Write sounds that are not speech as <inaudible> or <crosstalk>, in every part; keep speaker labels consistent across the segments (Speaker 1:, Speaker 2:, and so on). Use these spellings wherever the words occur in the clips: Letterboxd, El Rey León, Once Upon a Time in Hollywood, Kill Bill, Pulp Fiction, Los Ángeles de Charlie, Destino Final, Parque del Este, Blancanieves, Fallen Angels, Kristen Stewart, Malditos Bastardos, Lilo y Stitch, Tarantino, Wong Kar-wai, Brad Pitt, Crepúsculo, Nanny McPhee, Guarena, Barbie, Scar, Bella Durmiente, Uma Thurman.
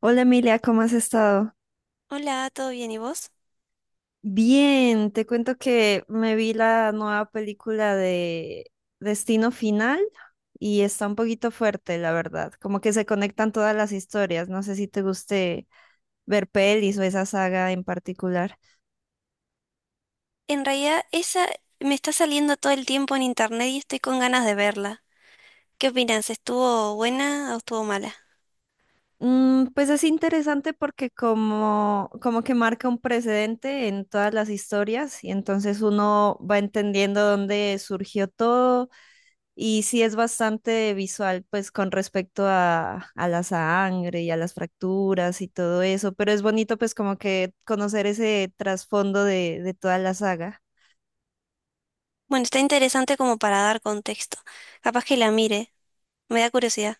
Speaker 1: Hola Emilia, ¿cómo has estado?
Speaker 2: Hola, ¿todo bien? ¿Y vos?
Speaker 1: Bien, te cuento que me vi la nueva película de Destino Final y está un poquito fuerte, la verdad. Como que se conectan todas las historias. No sé si te guste ver pelis o esa saga en particular.
Speaker 2: En realidad, esa me está saliendo todo el tiempo en internet y estoy con ganas de verla. ¿Qué opinas? ¿Estuvo buena o estuvo mala?
Speaker 1: Pues es interesante porque como que marca un precedente en todas las historias y entonces uno va entendiendo dónde surgió todo y sí es bastante visual pues con respecto a la sangre y a las fracturas y todo eso, pero es bonito pues como que conocer ese trasfondo de toda la saga.
Speaker 2: Bueno, está interesante como para dar contexto. Capaz que la mire, me da curiosidad.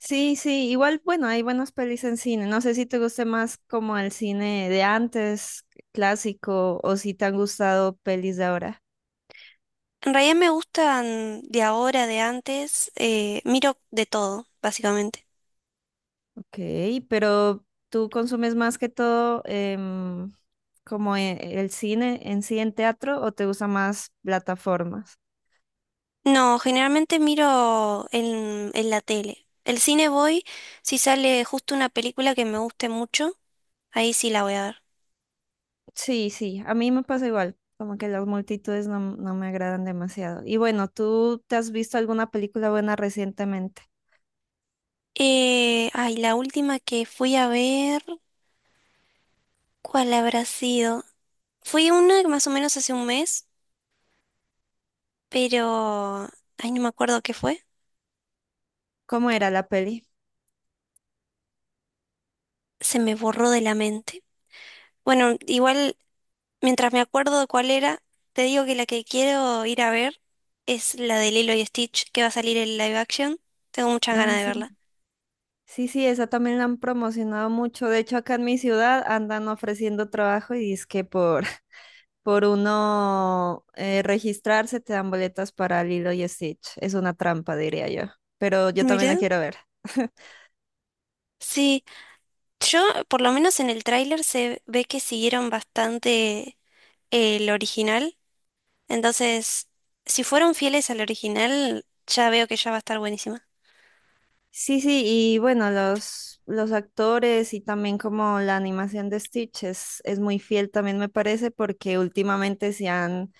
Speaker 1: Sí, sí, igual, bueno, hay buenas pelis en cine. No sé si te guste más como el cine de antes, clásico, o si te han gustado pelis de ahora.
Speaker 2: En realidad me gustan de ahora, de antes, miro de todo, básicamente.
Speaker 1: Ok, pero tú consumes más que todo como el cine en sí en teatro o te gustan más plataformas.
Speaker 2: No, generalmente miro en la tele. El cine voy si sale justo una película que me guste mucho, ahí sí la voy a ver.
Speaker 1: Sí, sí, a mí me pasa igual, como que las multitudes no, no me agradan demasiado. Y bueno, ¿tú te has visto alguna película buena recientemente?
Speaker 2: Ay, la última que fui a ver, ¿cuál habrá sido? Fui una más o menos hace un mes, pero... Ay, no me acuerdo qué fue.
Speaker 1: ¿Cómo era la peli?
Speaker 2: Se me borró de la mente. Bueno, igual, mientras me acuerdo de cuál era, te digo que la que quiero ir a ver es la de Lilo y Stitch, que va a salir en live action. Tengo muchas
Speaker 1: Ah,
Speaker 2: ganas de
Speaker 1: sí.
Speaker 2: verla.
Speaker 1: Sí, sí, esa también la han promocionado mucho. De hecho, acá en mi ciudad andan ofreciendo trabajo y es que por, <laughs> por uno registrarse te dan boletas para Lilo y Stitch. Es una trampa, diría yo. Pero yo también
Speaker 2: Mirá.
Speaker 1: la quiero ver. <laughs>
Speaker 2: Sí, yo, por lo menos en el tráiler se ve que siguieron bastante el original. Entonces, si fueron fieles al original, ya veo que ya va a estar buenísima.
Speaker 1: Sí, sí, y bueno, los actores y también como la animación de Stitch es muy fiel también me parece porque últimamente se han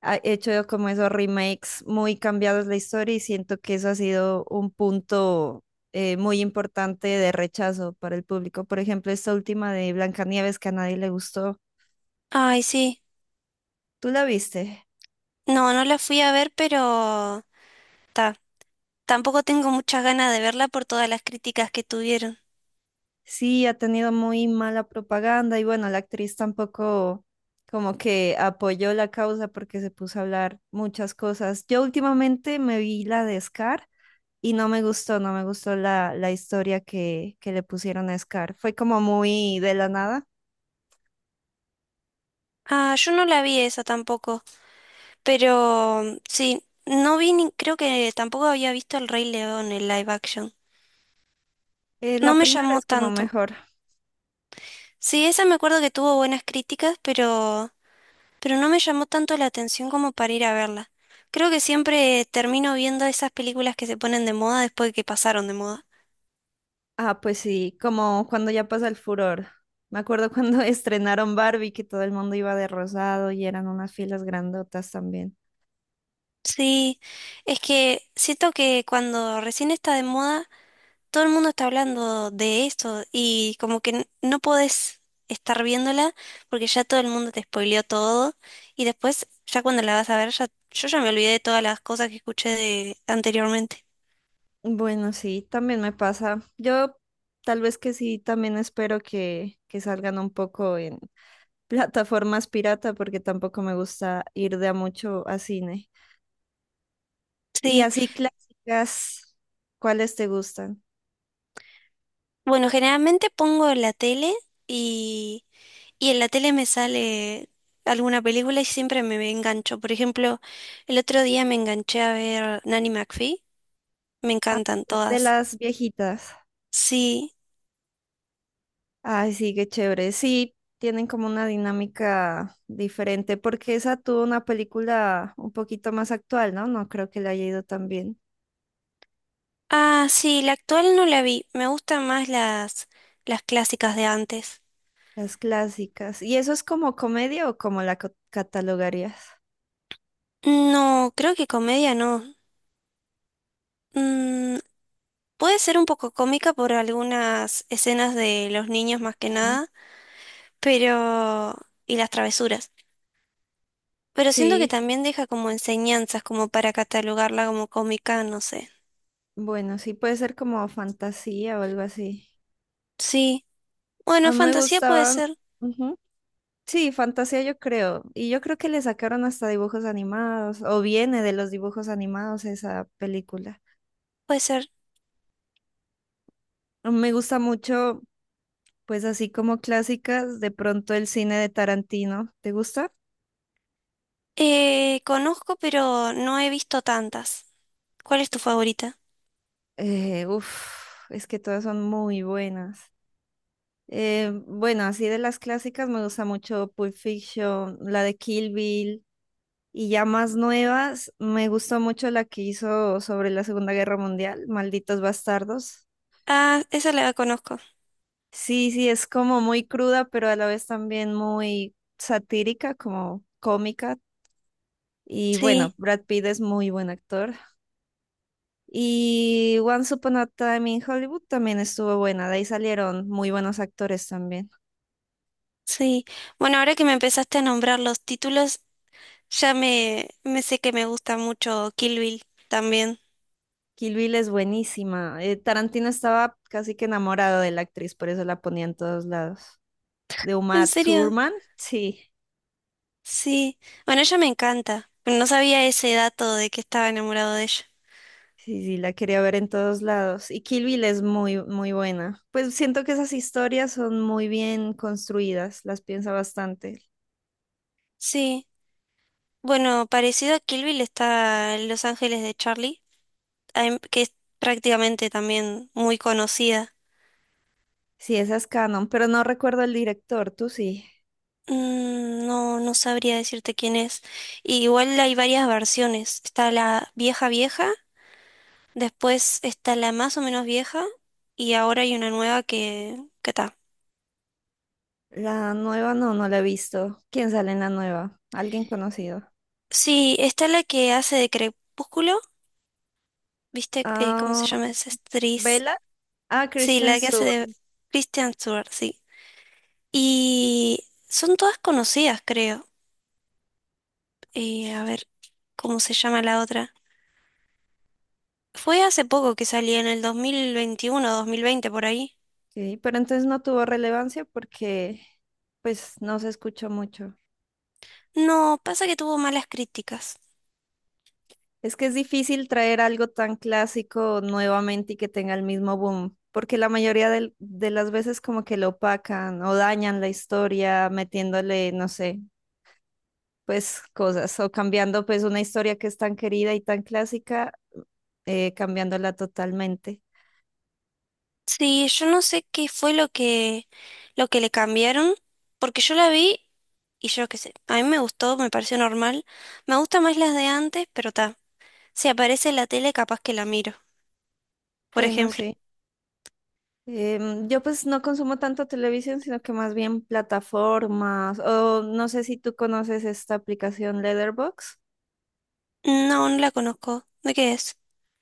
Speaker 1: ha hecho como esos remakes muy cambiados la historia y siento que eso ha sido un punto muy importante de rechazo para el público. Por ejemplo, esta última de Blancanieves que a nadie le gustó.
Speaker 2: Ay, sí.
Speaker 1: ¿Tú la viste?
Speaker 2: No, no la fui a ver, pero ta, tampoco tengo muchas ganas de verla por todas las críticas que tuvieron.
Speaker 1: Sí, ha tenido muy mala propaganda y bueno, la actriz tampoco como que apoyó la causa porque se puso a hablar muchas cosas. Yo últimamente me vi la de Scar. Y no me gustó, no me gustó la, la historia que le pusieron a Scar. Fue como muy de la nada.
Speaker 2: Ah, yo no la vi esa tampoco, pero mm, sí, no vi ni, creo que tampoco había visto El Rey León en live action. No
Speaker 1: La
Speaker 2: me
Speaker 1: primera
Speaker 2: llamó
Speaker 1: es como
Speaker 2: tanto.
Speaker 1: mejor.
Speaker 2: Sí, esa me acuerdo que tuvo buenas críticas, pero no me llamó tanto la atención como para ir a verla. Creo que siempre termino viendo esas películas que se ponen de moda después de que pasaron de moda.
Speaker 1: Ah, pues sí, como cuando ya pasa el furor. Me acuerdo cuando <laughs> estrenaron Barbie, que todo el mundo iba de rosado y eran unas filas grandotas también.
Speaker 2: Sí, es que siento que cuando recién está de moda, todo el mundo está hablando de esto y como que no podés estar viéndola porque ya todo el mundo te spoileó todo y después ya cuando la vas a ver ya yo ya me olvidé de todas las cosas que escuché de anteriormente.
Speaker 1: Bueno, sí, también me pasa. Yo tal vez que sí, también espero que salgan un poco en <laughs> plataformas pirata, porque tampoco me gusta ir de a mucho a cine. Y
Speaker 2: Sí,
Speaker 1: así clásicas, ¿cuáles te gustan?
Speaker 2: bueno, generalmente pongo la tele y Y en la tele me sale alguna película y siempre me engancho. Por ejemplo, el otro día me enganché a ver Nanny McPhee. Me encantan
Speaker 1: De
Speaker 2: todas.
Speaker 1: las viejitas.
Speaker 2: Sí.
Speaker 1: Ay, sí, qué chévere. Sí, tienen como una dinámica diferente, porque esa tuvo una película un poquito más actual, ¿no? No creo que le haya ido tan bien.
Speaker 2: Ah, sí, la actual no la vi. Me gustan más las clásicas de antes.
Speaker 1: Las clásicas. ¿Y eso es como comedia o como la catalogarías?
Speaker 2: No, creo que comedia no. Mm, puede ser un poco cómica por algunas escenas de los niños más que
Speaker 1: Ah.
Speaker 2: nada, pero... y las travesuras. Pero siento que
Speaker 1: Sí,
Speaker 2: también deja como enseñanzas, como para catalogarla como cómica, no sé.
Speaker 1: bueno, sí puede ser como fantasía o algo así.
Speaker 2: Sí, bueno,
Speaker 1: A mí me
Speaker 2: fantasía puede
Speaker 1: gustaban.
Speaker 2: ser,
Speaker 1: Ujú. Sí, fantasía yo creo. Y yo creo que le sacaron hasta dibujos animados, o viene de los dibujos animados esa película.
Speaker 2: puede ser.
Speaker 1: Me gusta mucho. Pues así como clásicas, de pronto el cine de Tarantino. ¿Te gusta?
Speaker 2: Conozco, pero no he visto tantas. ¿Cuál es tu favorita?
Speaker 1: Eh, uf, es que todas son muy buenas. Bueno, así de las clásicas me gusta mucho Pulp Fiction, la de Kill Bill y ya más nuevas, me gustó mucho la que hizo sobre la Segunda Guerra Mundial, Malditos Bastardos.
Speaker 2: Ah, esa la conozco.
Speaker 1: Sí, sí, es como muy cruda, pero a la vez también muy satírica, como cómica. Y bueno,
Speaker 2: Sí,
Speaker 1: Brad Pitt es muy buen actor. Y Once Upon a Time in Hollywood también estuvo buena, de ahí salieron muy buenos actores también.
Speaker 2: sí. Bueno, ahora que me empezaste a nombrar los títulos, me sé que me gusta mucho Kill Bill también.
Speaker 1: Kill Bill es buenísima. Tarantino estaba casi que enamorado de la actriz, por eso la ponía en todos lados. De
Speaker 2: ¿En
Speaker 1: Uma
Speaker 2: serio?
Speaker 1: Thurman, sí,
Speaker 2: Sí. Bueno, ella me encanta. No sabía ese dato de que estaba enamorado de ella.
Speaker 1: sí, sí, la quería ver en todos lados. Y Kill Bill es muy, muy buena. Pues siento que esas historias son muy bien construidas, las piensa bastante.
Speaker 2: Sí. Bueno, parecido a Kill Bill está Los Ángeles de Charlie. Em, que es prácticamente también muy conocida.
Speaker 1: Sí, esa es canon, pero no recuerdo el director, tú sí.
Speaker 2: Mm, no, no sabría decirte quién es. Y igual hay varias versiones. Está la vieja vieja, después está la más o menos vieja y ahora hay una nueva que... ¿que está?
Speaker 1: La nueva no, no la he visto. ¿Quién sale en la nueva? ¿Alguien conocido?
Speaker 2: Sí, está la que hace de Crepúsculo, ¿viste? ¿Cómo se
Speaker 1: Ah,
Speaker 2: llama esa actriz?
Speaker 1: Bella. Ah,
Speaker 2: Sí,
Speaker 1: Kristen
Speaker 2: la que hace
Speaker 1: Stewart.
Speaker 2: de Kristen Stewart, sí. Y son todas conocidas, creo. A ver, ¿cómo se llama la otra? Fue hace poco que salía, en el 2021 2020 por ahí.
Speaker 1: Ok, pero entonces no tuvo relevancia porque pues no se escuchó mucho.
Speaker 2: No, pasa que tuvo malas críticas.
Speaker 1: Es que es difícil traer algo tan clásico nuevamente y que tenga el mismo boom, porque la mayoría de las veces como que lo opacan o dañan la historia metiéndole, no sé, pues cosas o cambiando pues una historia que es tan querida y tan clásica, cambiándola totalmente.
Speaker 2: Sí, yo no sé qué fue lo que le cambiaron, porque yo la vi y yo qué sé, a mí me gustó, me pareció normal. Me gustan más las de antes, pero ta, si aparece en la tele capaz que la miro, por
Speaker 1: Bueno,
Speaker 2: ejemplo.
Speaker 1: sí. Yo pues no consumo tanto televisión, sino que más bien plataformas. O no sé si tú conoces esta aplicación Letterboxd.
Speaker 2: No, no la conozco. ¿De qué es?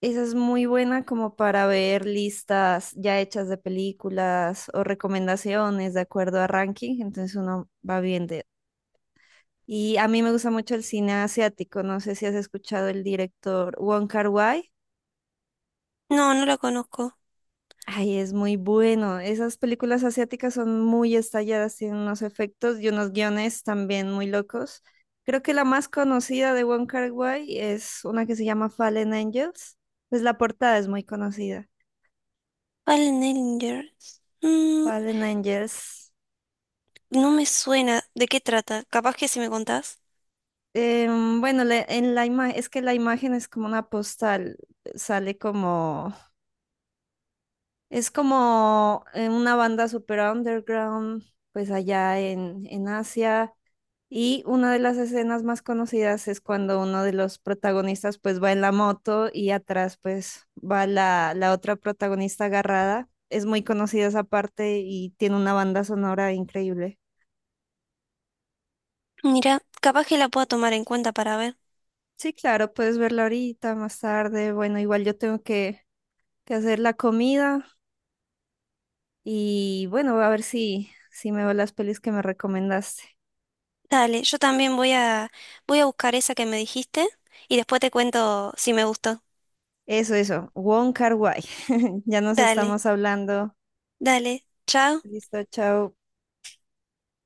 Speaker 1: Esa es muy buena como para ver listas ya hechas de películas o recomendaciones de acuerdo a ranking. Entonces uno va viendo. Y a mí me gusta mucho el cine asiático. No sé si has escuchado el director Wong Kar-wai.
Speaker 2: No, no la conozco.
Speaker 1: Ay, es muy bueno. Esas películas asiáticas son muy estalladas, tienen unos efectos y unos guiones también muy locos. Creo que la más conocida de Wong Kar-wai es una que se llama Fallen Angels. Pues la portada es muy conocida.
Speaker 2: Fallen Angels. Mm,
Speaker 1: Fallen Angels.
Speaker 2: no me suena. ¿De qué trata? Capaz que si me contás.
Speaker 1: Bueno, en la es que la imagen es como una postal, sale como, es como una banda super underground, pues allá en Asia. Y una de las escenas más conocidas es cuando uno de los protagonistas pues va en la moto y atrás pues va la, la otra protagonista agarrada. Es muy conocida esa parte y tiene una banda sonora increíble.
Speaker 2: Mira, capaz que la puedo tomar en cuenta para ver.
Speaker 1: Sí, claro, puedes verla ahorita, más tarde. Bueno, igual yo tengo que hacer la comida y bueno, voy a ver si, si me veo las pelis que me recomendaste.
Speaker 2: Dale, yo también voy a buscar esa que me dijiste y después te cuento si me gustó.
Speaker 1: Eso, Wong Kar-wai. <laughs> Ya nos
Speaker 2: Dale,
Speaker 1: estamos hablando.
Speaker 2: dale, chao.
Speaker 1: Listo, chao.